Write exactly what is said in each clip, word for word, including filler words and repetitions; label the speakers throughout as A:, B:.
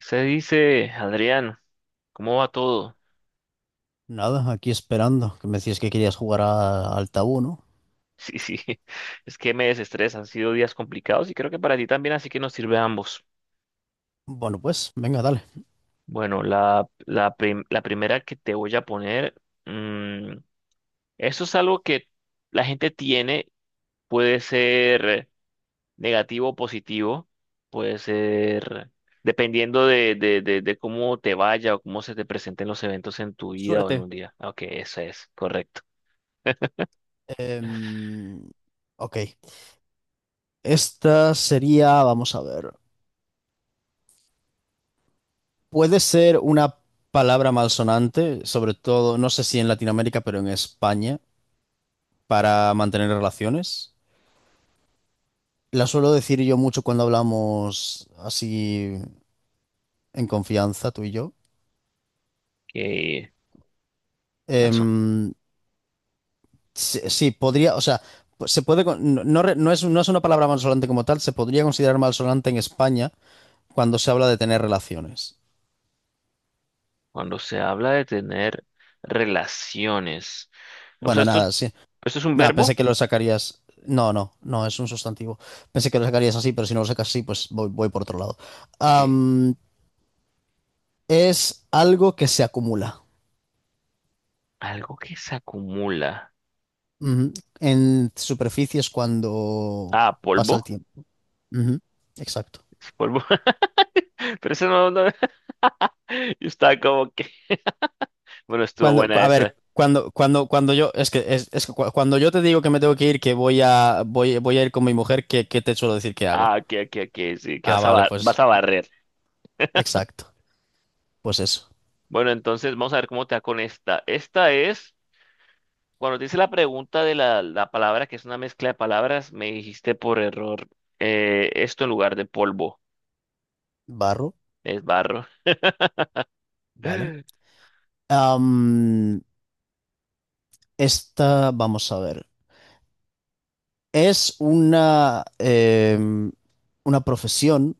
A: Se dice, Adrián, ¿cómo va todo?
B: Nada, aquí esperando, que me decías que querías jugar a- al tabú, ¿no?
A: Sí, sí, es que me desestresa, han sido días complicados y creo que para ti también, así que nos sirve a ambos.
B: Bueno, pues, venga, dale.
A: Bueno, la, la, prim- la primera que te voy a poner, mm, eso es algo que la gente tiene, puede ser negativo o positivo, puede ser dependiendo de, de, de, de cómo te vaya o cómo se te presenten los eventos en tu vida o en
B: Suerte.
A: un día. Ok, eso es, correcto.
B: Em, ok, esta sería, vamos a ver, puede ser una palabra malsonante, sobre todo, no sé si en Latinoamérica, pero en España, para mantener relaciones. La suelo decir yo mucho cuando hablamos así en confianza, tú y yo.
A: Qué mal.
B: Em, Sí, sí, podría, o sea, se puede, con- no, no re- no es, no es una palabra malsonante como tal, se podría considerar malsonante en España cuando se habla de tener relaciones.
A: Cuando se habla de tener relaciones. O sea,
B: Bueno,
A: esto es,
B: nada, sí.
A: esto es un
B: Nada, pensé
A: verbo.
B: que lo sacarías. No, no, no, es un sustantivo. Pensé que lo sacarías así, pero si no lo sacas así, pues voy, voy por otro lado.
A: Ok.
B: Am, es algo que se acumula,
A: Algo que se acumula.
B: ujú, en superficies cuando
A: Ah,
B: pasa el
A: polvo.
B: tiempo. Ujú, exacto.
A: Es polvo. Pero eso no, no. Yo estaba como que. Bueno, estuvo
B: Cuando,
A: buena
B: a
A: esa.
B: ver, cuando, cuando, cuando yo, es que, es, es que cu- cuando yo te digo que me tengo que ir, que voy a, voy, voy a ir con mi mujer, ¿qué, qué te suelo decir que hago?
A: Ah, ok, ok, ok. Sí, que
B: Ah,
A: vas a,
B: vale,
A: bar- vas
B: pues,
A: a barrer.
B: exacto. Pues eso.
A: Bueno, entonces vamos a ver cómo te va con esta. Esta es. Cuando te hice la pregunta de la, la palabra, que es una mezcla de palabras, me dijiste por error eh, esto en lugar de polvo.
B: Barro,
A: Es barro.
B: ¿vale? Am, esta, vamos a ver. Es una, em, una profesión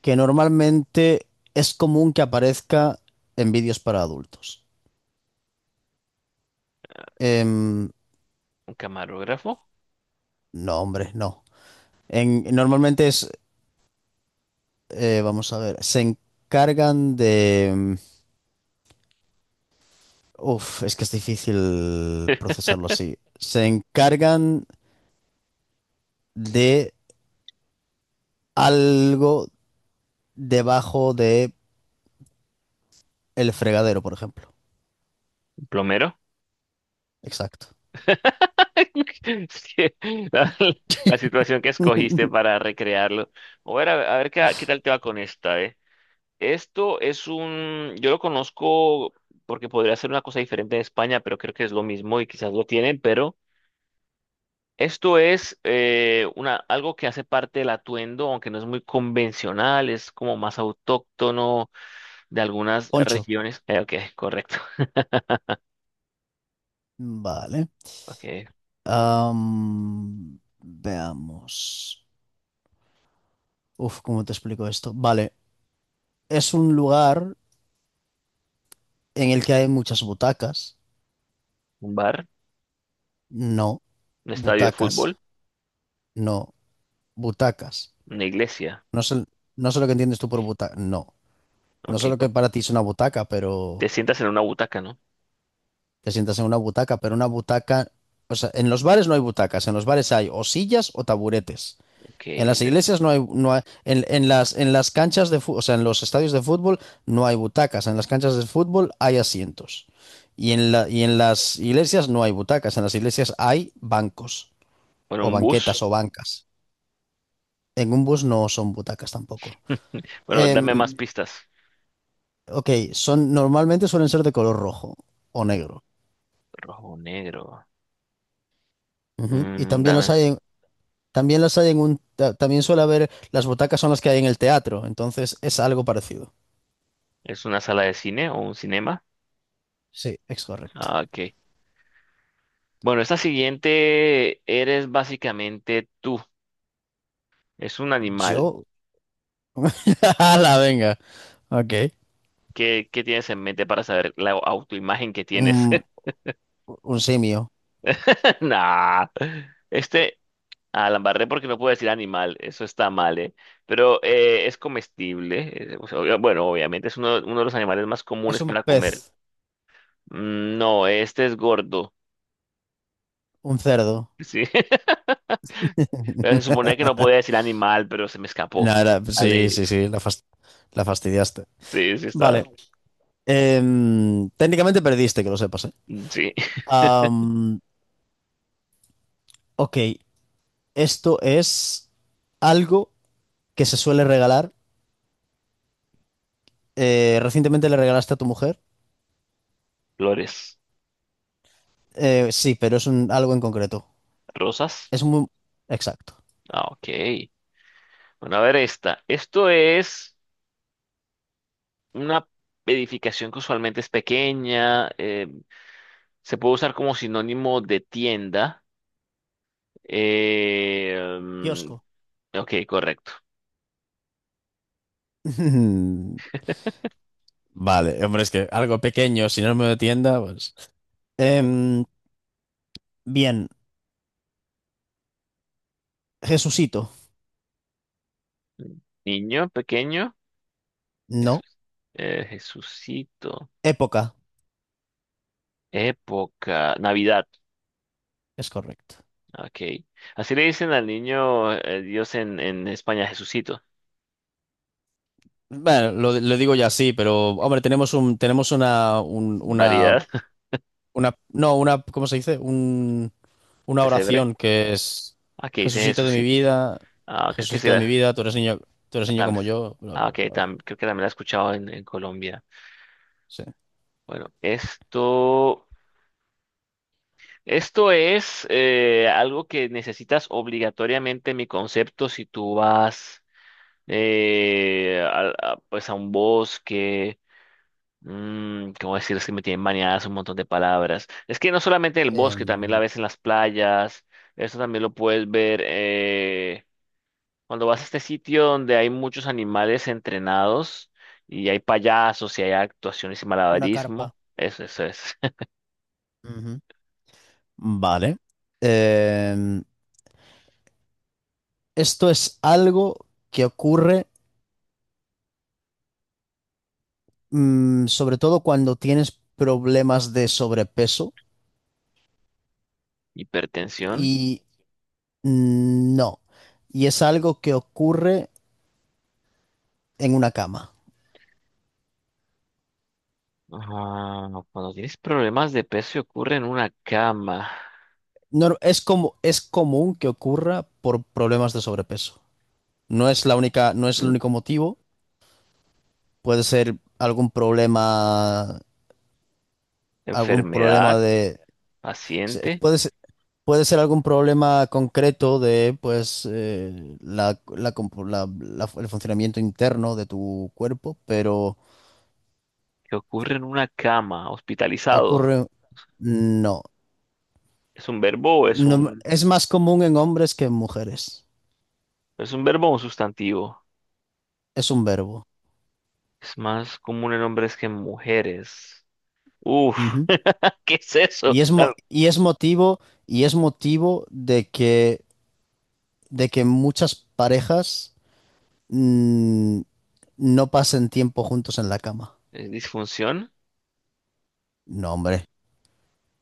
B: que normalmente es común que aparezca en vídeos para adultos. Em,
A: Un camarógrafo.
B: no, hombre, no. En- normalmente es... Eh, vamos a ver. Se encargan de... mm, uf, es que es difícil procesarlo así. Se encargan de algo debajo de el fregadero, por ejemplo.
A: Plomero.
B: Exacto.
A: Sí, La, la situación que escogiste para recrearlo. A ver, a ver, a ver qué, qué tal te va con esta, ¿eh? Esto es un, yo lo conozco porque podría ser una cosa diferente en España, pero creo que es lo mismo y quizás lo tienen, pero esto es eh, una, algo que hace parte del atuendo, aunque no es muy convencional, es como más autóctono de algunas
B: Poncho.
A: regiones. Eh, ok, correcto.
B: Vale.
A: Ok,
B: Am, veamos. Uf, ¿cómo te explico esto? Vale. Es un lugar en el que hay muchas butacas.
A: un bar,
B: No.
A: un estadio de
B: Butacas.
A: fútbol.
B: No. Butacas.
A: Una iglesia.
B: No sé, no sé lo que entiendes tú por butaca. No. No
A: Ok,
B: solo que
A: con-
B: para ti es una butaca, pero
A: te sientas en una butaca, ¿no?
B: te sientas en una butaca, pero una butaca, o sea, en los bares no hay butacas, en los bares hay o sillas o taburetes.
A: Ok,
B: En las
A: de-
B: iglesias no hay, no hay- en, en las, en las canchas de fútbol, o sea, en los estadios de fútbol no hay butacas, en las canchas de fútbol hay asientos. Y en la, y en las iglesias no hay butacas, en las iglesias hay bancos
A: bueno,
B: o
A: un
B: banquetas
A: bus.
B: o bancas. En un bus no son butacas tampoco.
A: Bueno,
B: Em,
A: dame más pistas.
B: ok, son, normalmente suelen ser de color rojo o negro.
A: Rojo, negro.
B: Ujú. Y
A: Mm,
B: también las
A: dame.
B: hay en, también las hay en un, ta- también suele haber, las butacas son las que hay en el teatro, entonces es algo parecido.
A: ¿Es una sala de cine o un cinema?
B: Sí, es correcto.
A: Ah, ok. Bueno, esta siguiente eres básicamente tú. Es un animal.
B: Yo, la venga, ok.
A: ¿Qué, qué tienes en mente para saber la autoimagen que tienes?
B: Un, un simio.
A: Nah. Este, ah, la embarré porque no puedo decir animal, eso está mal, ¿eh? Pero eh, es comestible, eh, o sea, obvia- bueno, obviamente es uno, uno de los animales más
B: Es
A: comunes
B: un
A: para comer.
B: pez,
A: Mm, No, este es gordo,
B: un cerdo.
A: sí. Pero se suponía que no podía decir animal, pero se me escapó.
B: Nada, sí,
A: Vale,
B: sí, sí, la, fas- la fastidiaste.
A: sí, sí está.
B: Vale. Em, técnicamente perdiste, que lo sepas, ¿eh?
A: Mm, Sí,
B: Am, ok, esto es algo que se suele regalar. Eh, recientemente le regalaste a tu mujer.
A: flores,
B: Eh, sí, pero es un- algo en concreto.
A: rosas.
B: Es muy... Exacto.
A: Ah, ok. Bueno, a ver esta. Esto es una edificación que usualmente es pequeña, eh, se puede usar como sinónimo de tienda. Eh, mm,
B: Kiosco.
A: ok, correcto.
B: Mm, vale, hombre, es que algo pequeño, si no me de tienda, pues. Em, bien. Jesucito.
A: Niño pequeño,
B: No.
A: Jesús, eh, Jesucito.
B: Época.
A: Época, Navidad.
B: Es correcto.
A: Ok. Así le dicen al niño eh, Dios en, en España, Jesucito.
B: Bueno, lo, lo digo ya así, pero hombre, tenemos un, tenemos una, un- una,
A: Variedad,
B: una, no, una, ¿cómo se dice? Un, una
A: pesebre.
B: oración que es
A: Aquí dice
B: Jesucito de mi
A: Jesucito.
B: vida,
A: Ah, creo que sí
B: Jesucito de mi
A: la.
B: vida, tú eres niño, tú eres
A: ah,
B: niño
A: tam-
B: como yo, bla,
A: ah,
B: bla,
A: ok,
B: bla, bla, bla.
A: tam- creo que también la he escuchado en, en Colombia.
B: Sí.
A: Bueno, esto. Esto es eh, algo que necesitas obligatoriamente mi concepto si tú vas. Eh, al- a- pues a un bosque. Mm, ¿cómo decir? Es que me tienen maniadas un montón de palabras. Es que no solamente en el bosque, también la
B: Em,
A: ves en las playas. Eso también lo puedes ver eh, cuando vas a este sitio donde hay muchos animales entrenados y hay payasos y hay actuaciones y
B: una
A: malabarismo.
B: carpa.
A: Eso, eso es.
B: Ujú. Vale. Em, esto es algo que ocurre, mm, sobre todo cuando tienes problemas de sobrepeso
A: Hipertensión.
B: y, mm, no. Y es algo que ocurre en una cama.
A: Ah, cuando tienes problemas de peso y ocurre en una cama.
B: No, es como, es común que ocurra por problemas de sobrepeso. No es la única, no es el
A: Mm.
B: único motivo. Puede ser algún problema, algún
A: Enfermedad,
B: problema de... se-
A: paciente.
B: puede ser, puede ser algún problema concreto de, pues, eh, la, la compo- la- la- el funcionamiento interno de tu cuerpo, pero
A: Que ocurre en una cama, hospitalizado.
B: ocurre... No,
A: ¿Es un verbo o es
B: no,
A: un,
B: es más común en hombres que en mujeres.
A: es un verbo o un sustantivo?
B: Es un verbo.
A: Es más común en hombres que en mujeres. Uf,
B: Ujú.
A: ¿qué es eso?
B: Y es, mo-
A: La-
B: y es motivo, y es motivo de que, de que muchas parejas, mm, no pasen tiempo juntos en la cama.
A: ¿es disfunción?
B: No, hombre,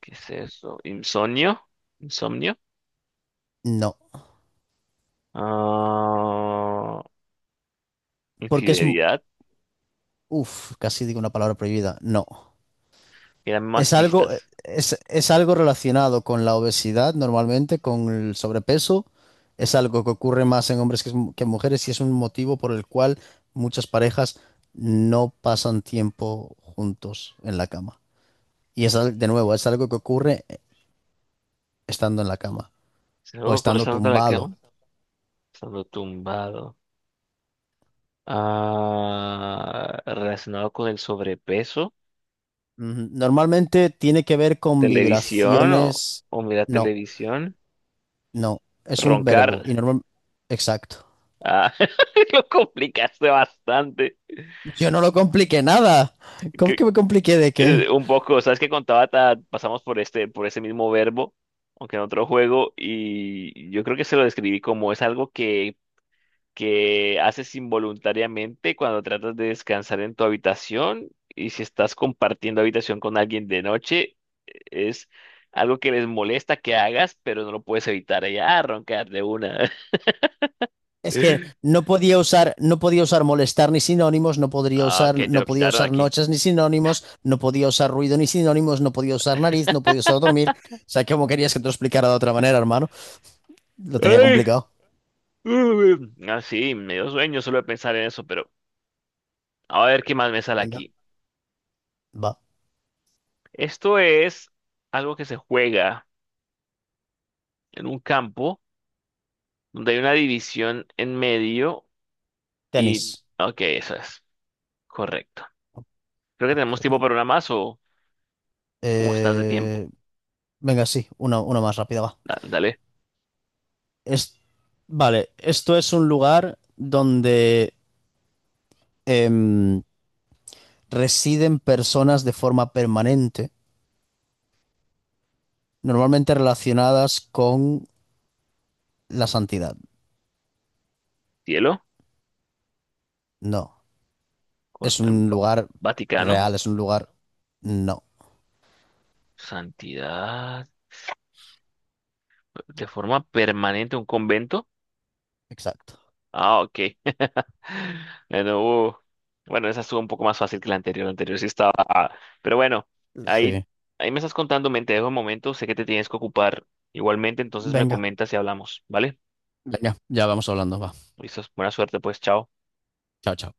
A: ¿Qué es eso? ¿Insomnio? ¿Insomnio?
B: no.
A: Ah,
B: Porque es... m-
A: infidelidad.
B: uf, casi digo una palabra prohibida. No.
A: Y dame más
B: Es algo,
A: pistas.
B: es, es algo relacionado con la obesidad, normalmente, con el sobrepeso. Es algo que ocurre más en hombres que, en que en mujeres y es un motivo por el cual muchas parejas no pasan tiempo juntos en la cama. Y es, al- de nuevo, es algo que ocurre, eh, estando en la cama
A: ¿Se
B: o
A: luego
B: estando
A: cruzando la
B: tumbado.
A: cama? Estando tumbado. Ah, relacionado con el sobrepeso.
B: Ujú. Normalmente tiene que ver con
A: ¿Televisión o,
B: vibraciones.
A: o mira
B: No,
A: televisión?
B: no, es un
A: Roncar.
B: verbo y normal. Exacto.
A: Ah, lo complicaste bastante.
B: Yo no lo compliqué nada. ¿Cómo
A: Que,
B: que me compliqué de qué?
A: eh, un poco, ¿sabes qué contaba? Ta- pasamos por este, por ese mismo verbo, aunque en otro juego, y yo creo que se lo describí como es algo que, que haces involuntariamente cuando tratas de descansar en tu habitación, y si estás compartiendo habitación con alguien de noche, es algo que les molesta que hagas, pero no lo puedes evitar. Ella, ah, roncar de una.
B: Es que no podía usar, no podía usar molestar ni sinónimos, no podría
A: Ah,
B: usar,
A: ok, te lo
B: no podía
A: quitaron
B: usar
A: aquí.
B: noches ni sinónimos, no podía usar ruido ni sinónimos, no podía usar nariz, no podía usar dormir. O sea, ¿cómo querías que te lo explicara de otra manera, hermano? Lo tenía complicado.
A: Uy, ah, sí, me dio sueño solo de pensar en eso, pero a ver qué más me sale
B: Venga,
A: aquí.
B: va.
A: Esto es algo que se juega en un campo donde hay una división en medio y...
B: Tenis.
A: Ok, eso es correcto. Creo que
B: Ok.
A: tenemos tiempo para una más o cómo estás de tiempo.
B: Eh, venga, sí, una, una más rápida, va.
A: Da- Dale,
B: Es, vale, esto es un lugar donde, em, residen personas de forma permanente, normalmente relacionadas con la santidad,
A: cielo,
B: no.
A: con
B: Es
A: em,
B: un
A: Va-
B: lugar
A: Vaticano,
B: real, es un lugar... No,
A: santidad, de forma permanente un convento.
B: exacto.
A: Ah, ok. Bueno, uh, bueno, esa estuvo un poco más fácil que la anterior. La anterior sí estaba... Pero bueno, ahí,
B: Sí.
A: ahí me estás contando, me te dejo un momento, sé que te tienes que ocupar igualmente, entonces me
B: Venga,
A: comentas y hablamos, ¿vale?
B: venga, ya vamos hablando, va.
A: Listo, buena suerte, pues, chao.
B: Chao, chao.